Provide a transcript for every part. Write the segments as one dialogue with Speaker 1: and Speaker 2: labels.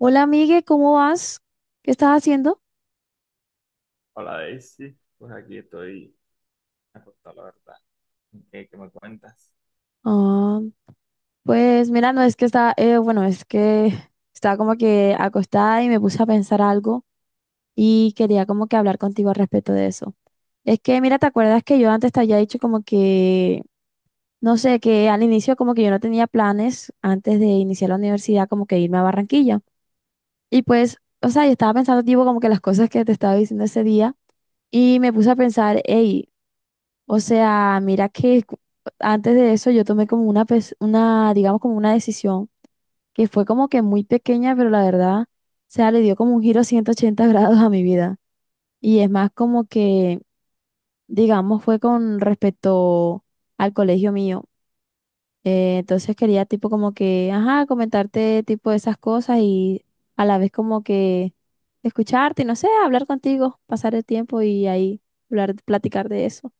Speaker 1: Hola, amigue, ¿cómo vas? ¿Qué estás haciendo?
Speaker 2: Hola Daisy, pues aquí estoy acostado, la verdad. ¿Qué me cuentas?
Speaker 1: Ah, pues mira, no es que está, bueno, es que estaba como que acostada y me puse a pensar algo y quería como que hablar contigo al respecto de eso. Es que mira, ¿te acuerdas que yo antes te había dicho como que, no sé, que al inicio como que yo no tenía planes antes de iniciar la universidad como que irme a Barranquilla? Y pues, o sea, yo estaba pensando tipo como que las cosas que te estaba diciendo ese día y me puse a pensar, hey, o sea, mira que antes de eso yo tomé como una, digamos como una decisión que fue como que muy pequeña, pero la verdad, o sea, le dio como un giro 180 grados a mi vida. Y es más como que, digamos, fue con respecto al colegio mío. Entonces quería tipo como que, ajá, comentarte tipo esas cosas y a la vez como que escucharte y no sé, hablar contigo, pasar el tiempo y ahí hablar, platicar de eso.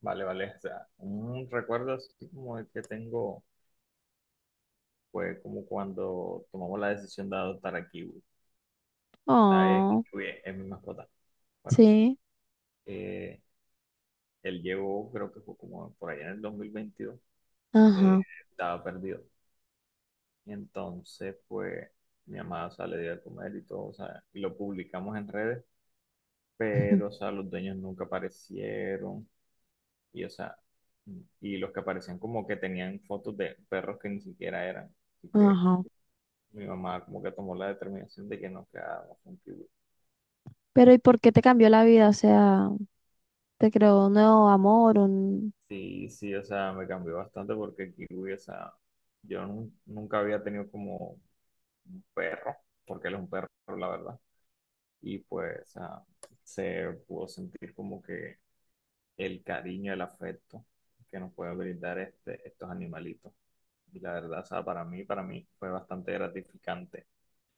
Speaker 2: Vale, vale, o sea, un recuerdo así como el que tengo fue como cuando tomamos la decisión de adoptar a Kiwi, ¿sabes? Que
Speaker 1: Oh,
Speaker 2: Kiwi es mi mascota. Bueno,
Speaker 1: sí,
Speaker 2: eh, él llegó, creo que fue como por allá en el 2022. eh,
Speaker 1: ajá.
Speaker 2: Estaba perdido. Y entonces, pues, mi mamá, o sea, le dio de comer y todo, o sea, y lo publicamos en redes, pero, o sea, los dueños nunca aparecieron. Y, o sea, y los que aparecían como que tenían fotos de perros que ni siquiera eran. Así que
Speaker 1: Ajá.
Speaker 2: mi mamá como que tomó la determinación de que nos quedábamos con Kiwi.
Speaker 1: Pero ¿y
Speaker 2: Y
Speaker 1: por qué te cambió la vida? O sea, te creó un nuevo amor, un...
Speaker 2: sí, sí, o sea, me cambió bastante porque Kiwi, o sea, nunca había tenido como un perro, porque él es un perro, la verdad. Y pues, o sea, se pudo sentir como que el cariño, el afecto que nos puede brindar estos animalitos. Y la verdad, o sea, para mí fue bastante gratificante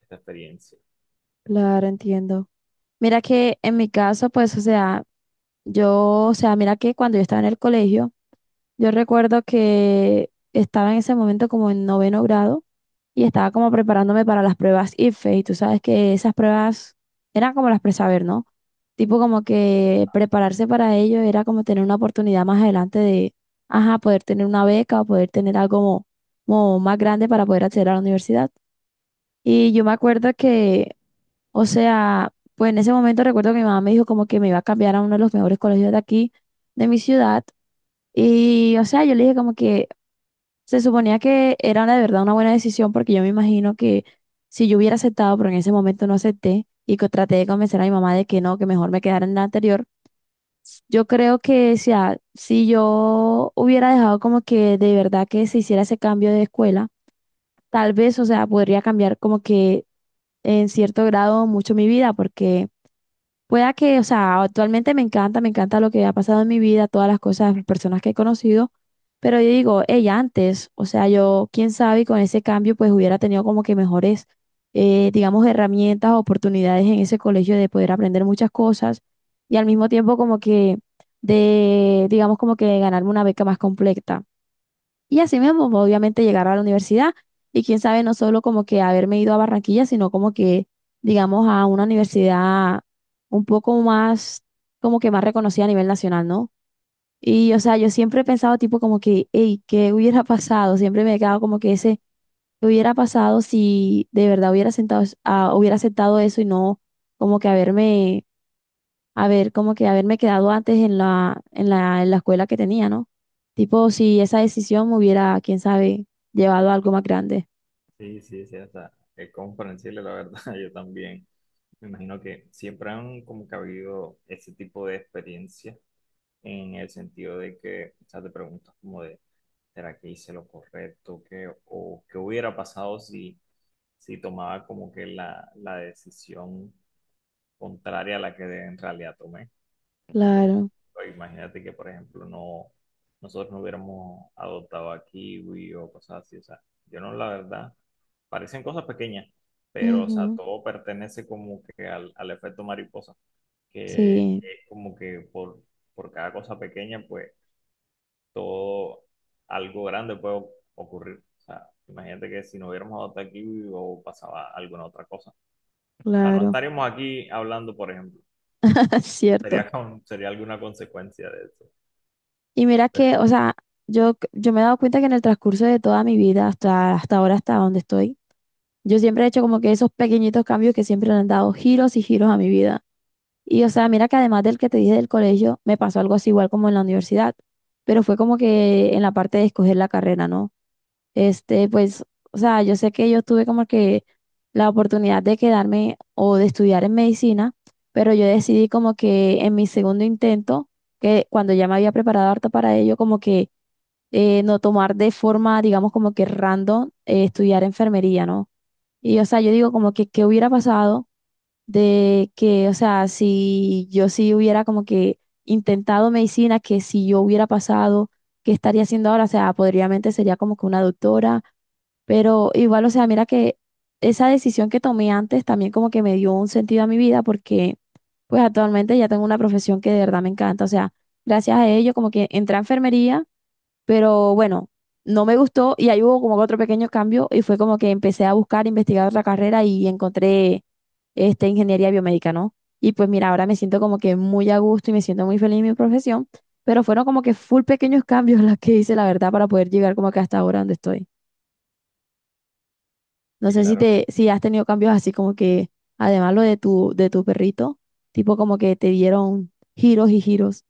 Speaker 2: esta experiencia.
Speaker 1: Claro, entiendo. Mira que en mi caso, pues, o sea, yo, o sea, mira que cuando yo estaba en el colegio, yo recuerdo que estaba en ese momento como en noveno grado y estaba como preparándome para las pruebas IFE y tú sabes que esas pruebas eran como las presaber, ¿no? Tipo como que prepararse para ello era como tener una oportunidad más adelante de, ajá, poder tener una beca o poder tener algo más grande para poder acceder a la universidad. Y yo me acuerdo que, o sea, pues en ese momento recuerdo que mi mamá me dijo como que me iba a cambiar a uno de los mejores colegios de aquí, de mi ciudad. Y, o sea, yo le dije como que se suponía que era una- de verdad una buena decisión porque yo me imagino que si yo hubiera aceptado, pero en ese momento no acepté y que traté de convencer a mi mamá de que no, que mejor me quedara en la anterior, yo creo que si yo hubiera dejado como que de verdad que se hiciera ese cambio de escuela, tal vez, o sea, podría cambiar como que en cierto grado mucho mi vida porque... Pueda que, o sea, actualmente me encanta lo que ha pasado en mi vida, todas las cosas, las personas que he conocido, pero yo digo, ella antes, o sea, yo, quién sabe, y con ese cambio, pues hubiera tenido como que mejores, digamos, herramientas, oportunidades en ese colegio de poder aprender muchas cosas y al mismo tiempo como que de, digamos, como que ganarme una beca más completa. Y así mismo, pues, obviamente, llegar a la universidad y quién sabe, no solo como que haberme ido a Barranquilla, sino como que, digamos, a una universidad un poco más, como que más reconocida a nivel nacional, ¿no? Y, o sea, yo siempre he pensado tipo como que, hey, ¿qué hubiera pasado? Siempre me he quedado como que ese, ¿qué hubiera pasado si de verdad hubiera sentado, hubiera aceptado eso y no como que haberme haber como que haberme quedado antes en la escuela que tenía, ¿no? Tipo, si esa decisión me hubiera, quién sabe, llevado a algo más grande.
Speaker 2: Sí, sí, sí, o sea, es comprensible, la verdad, yo también. Me imagino que siempre han como que habido ese tipo de experiencias en el sentido de que, o sea, te preguntas como de, ¿será que hice lo correcto? ¿Qué, o qué hubiera pasado si, si tomaba como que la decisión contraria a la que en realidad tomé? O sea, por
Speaker 1: Claro.
Speaker 2: ejemplo, imagínate que, por ejemplo, no, nosotros no hubiéramos adoptado a Kiwi o cosas así. O sea, yo no, la verdad, parecen cosas pequeñas, pero, o sea,
Speaker 1: Ujú.
Speaker 2: todo pertenece como que al efecto mariposa, que
Speaker 1: Sí,
Speaker 2: es como que por cada cosa pequeña, pues todo algo grande puede ocurrir. O sea, imagínate que si no hubiéramos adoptado a Kiwi o pasaba alguna otra cosa. O sea, no
Speaker 1: claro.
Speaker 2: estaríamos aquí hablando, por ejemplo.
Speaker 1: Es cierto.
Speaker 2: Sería, sería alguna consecuencia de eso.
Speaker 1: Y mira
Speaker 2: Pero,
Speaker 1: que, o sea, yo me he dado cuenta que en el transcurso de toda mi vida, hasta ahora, hasta donde estoy, yo siempre he hecho como que esos pequeñitos cambios que siempre le han dado giros y giros a mi vida. Y, o sea, mira que además del que te dije del colegio, me pasó algo así igual como en la universidad, pero fue como que en la parte de escoger la carrera, ¿no? Este, pues, o sea, yo sé que yo tuve como que la oportunidad de quedarme o de estudiar en medicina, pero yo decidí como que en mi segundo intento, que cuando ya me había preparado harto para ello, como que no tomar de forma, digamos, como que random estudiar enfermería, ¿no? Y, o sea, yo digo como que, ¿qué hubiera pasado de que, o sea, si yo sí hubiera como que intentado medicina, que si yo hubiera pasado, ¿qué estaría haciendo ahora? O sea, podríamente sería como que una doctora, pero igual, o sea, mira que esa decisión que tomé antes también como que me dio un sentido a mi vida porque pues actualmente ya tengo una profesión que de verdad me encanta. O sea, gracias a ello como que entré a enfermería, pero bueno, no me gustó y ahí hubo como que otro pequeño cambio y fue como que empecé a buscar, investigar otra carrera y encontré este, ingeniería biomédica, ¿no? Y pues mira, ahora me siento como que muy a gusto y me siento muy feliz en mi profesión, pero fueron como que full pequeños cambios los que hice, la verdad, para poder llegar como que hasta ahora donde estoy. No
Speaker 2: sí,
Speaker 1: sé si
Speaker 2: claro.
Speaker 1: te, si has tenido cambios así como que, además lo de tu perrito, tipo como que te dieron giros y giros.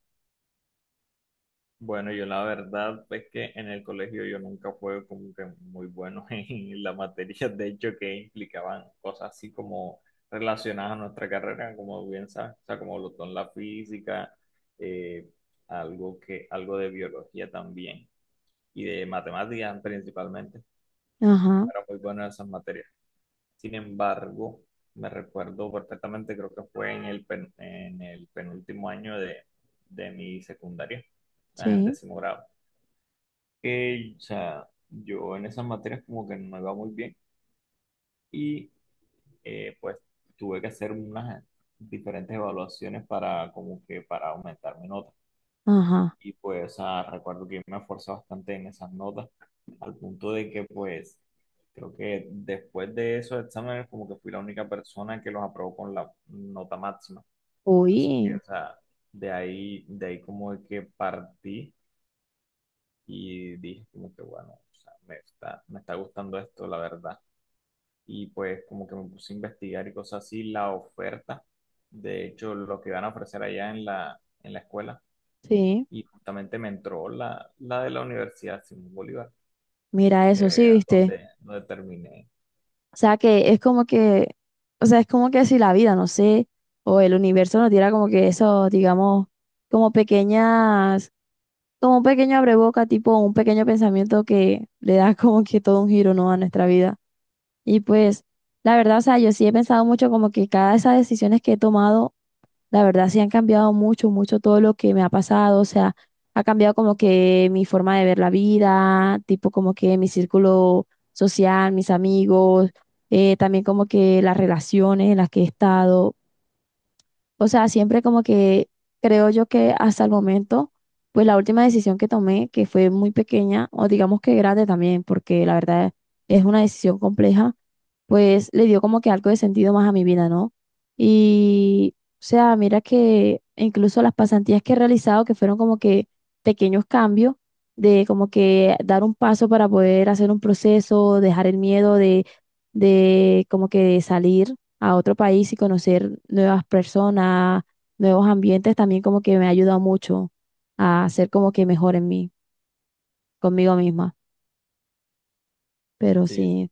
Speaker 2: Bueno, yo la verdad es que en el colegio yo nunca fue como que muy bueno en las materias, de hecho, que implicaban cosas así como relacionadas a nuestra carrera, como bien sabes, o sea, como lo son la física, eh, algo que, algo de biología también, y de matemáticas principalmente. No
Speaker 1: Ajá,
Speaker 2: era muy bueno en esas materias. Sin embargo, me recuerdo perfectamente, creo que fue en en el penúltimo año de mi secundaria, o sea, en
Speaker 1: sí,
Speaker 2: décimo grado, que o sea, yo en esas materias como que no me iba muy bien y pues tuve que hacer unas diferentes evaluaciones para como que para aumentar mi nota.
Speaker 1: ajá.
Speaker 2: Y pues recuerdo que yo me esforcé bastante en esas notas, al punto de que pues creo que después de esos exámenes como que fui la única persona que los aprobó con la nota máxima. Así que,
Speaker 1: Uy,
Speaker 2: o sea, de ahí como de que partí y dije como que bueno, o sea, me está gustando esto, la verdad. Y pues como que me puse a investigar y cosas así, la oferta, de hecho, lo que van a ofrecer allá en en la escuela
Speaker 1: sí.
Speaker 2: y justamente me entró la de la Universidad Simón Bolívar,
Speaker 1: Mira eso,
Speaker 2: que
Speaker 1: sí, viste.
Speaker 2: donde terminé.
Speaker 1: O sea que es como que, o sea, es como que si la vida, no sé, o el universo nos diera como que eso, digamos, como pequeñas, como un pequeño abreboca, tipo un pequeño pensamiento que le da como que todo un giro, ¿no?, a nuestra vida. Y pues, la verdad, o sea, yo sí he pensado mucho como que cada de esas decisiones que he tomado, la verdad sí han cambiado mucho, mucho todo lo que me ha pasado, o sea, ha cambiado como que mi forma de ver la vida, tipo como que mi círculo social, mis amigos, también como que las relaciones en las que he estado. O sea, siempre como que creo yo que hasta el momento, pues la última decisión que tomé, que fue muy pequeña, o digamos que grande también, porque la verdad es una decisión compleja, pues le dio como que algo de sentido más a mi vida, ¿no? Y, o sea, mira que incluso las pasantías que he realizado, que fueron como que pequeños cambios, de como que dar un paso para poder hacer un proceso, dejar el miedo de como que salir a otro país y conocer nuevas personas, nuevos ambientes, también como que me ha ayudado mucho a ser como que mejor en mí, conmigo misma. Pero
Speaker 2: Sí,
Speaker 1: sí,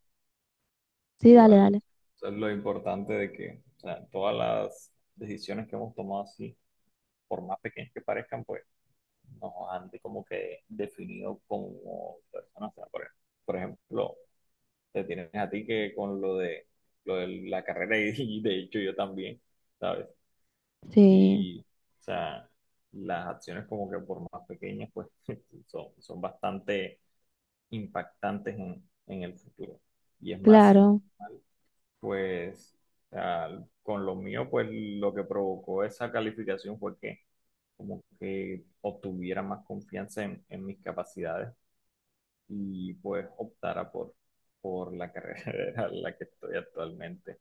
Speaker 1: sí, dale,
Speaker 2: igual,
Speaker 1: dale.
Speaker 2: eso es lo importante de que o sea, todas las decisiones que hemos tomado así, por más pequeñas que parezcan, pues como que definido como personas. O sea, por ejemplo, te tienes a ti que con lo de la carrera y, y de hecho yo también. ¿Sabes?
Speaker 1: Sí,
Speaker 2: Y, o sea, las acciones como que por más pequeñas, pues son bastante impactantes en el futuro. Y es más, si no
Speaker 1: claro.
Speaker 2: estoy mal, pues con lo mío, pues lo que provocó esa calificación fue que como que obtuviera más confianza en mis capacidades y pues optara por la carrera en la que estoy actualmente.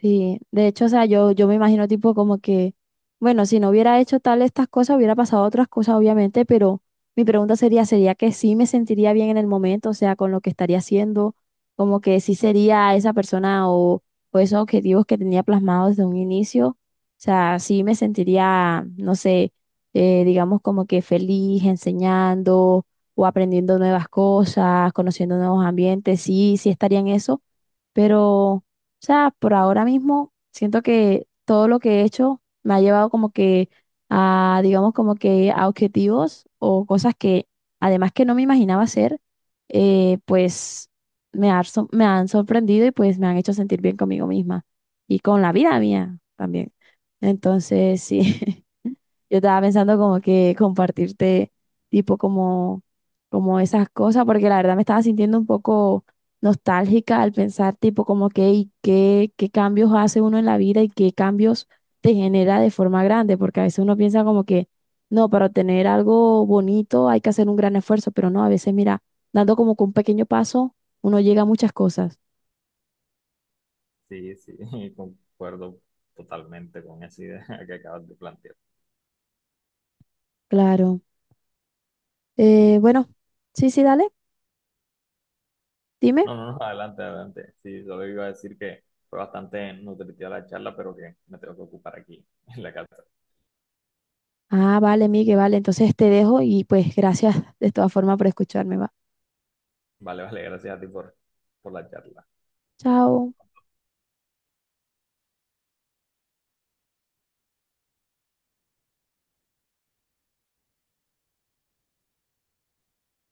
Speaker 1: Sí, de hecho, o sea, yo me imagino tipo como que, bueno, si no hubiera hecho tal estas cosas, hubiera pasado otras cosas, obviamente, pero mi pregunta sería, ¿sería que sí me sentiría bien en el momento, o sea, con lo que estaría haciendo, como que sí sería esa persona o esos objetivos que tenía plasmados desde un inicio? O sea, sí me sentiría, no sé, digamos como que feliz enseñando o aprendiendo nuevas cosas, conociendo nuevos ambientes, sí, sí estaría en eso. Pero o sea, por ahora mismo siento que todo lo que he hecho me ha llevado como que a, digamos, como que a objetivos o cosas que además que no me imaginaba hacer, pues me han sorprendido y pues me han hecho sentir bien conmigo misma y con la vida mía también. Entonces, sí. Yo estaba pensando como que compartirte tipo como, como esas cosas, porque la verdad me estaba sintiendo un poco nostálgica al pensar tipo como que y qué cambios hace uno en la vida y qué cambios te genera de forma grande, porque a veces uno piensa como que no, para obtener algo bonito hay que hacer un gran esfuerzo, pero no, a veces mira, dando como que un pequeño paso, uno llega a muchas cosas.
Speaker 2: Sí, sí, concuerdo totalmente con esa idea que acabas de plantear.
Speaker 1: Claro.
Speaker 2: Y
Speaker 1: Bueno, sí, sí, dale, dime.
Speaker 2: no, no, no, adelante, adelante. Sí, solo iba a decir que fue bastante nutritiva la charla, pero que me tengo que ocupar aquí en la casa.
Speaker 1: Ah, vale, Miguel, vale. Entonces te dejo y pues gracias de todas formas por escucharme, va.
Speaker 2: Vale, vale, gracias a ti por la charla.
Speaker 1: Chao.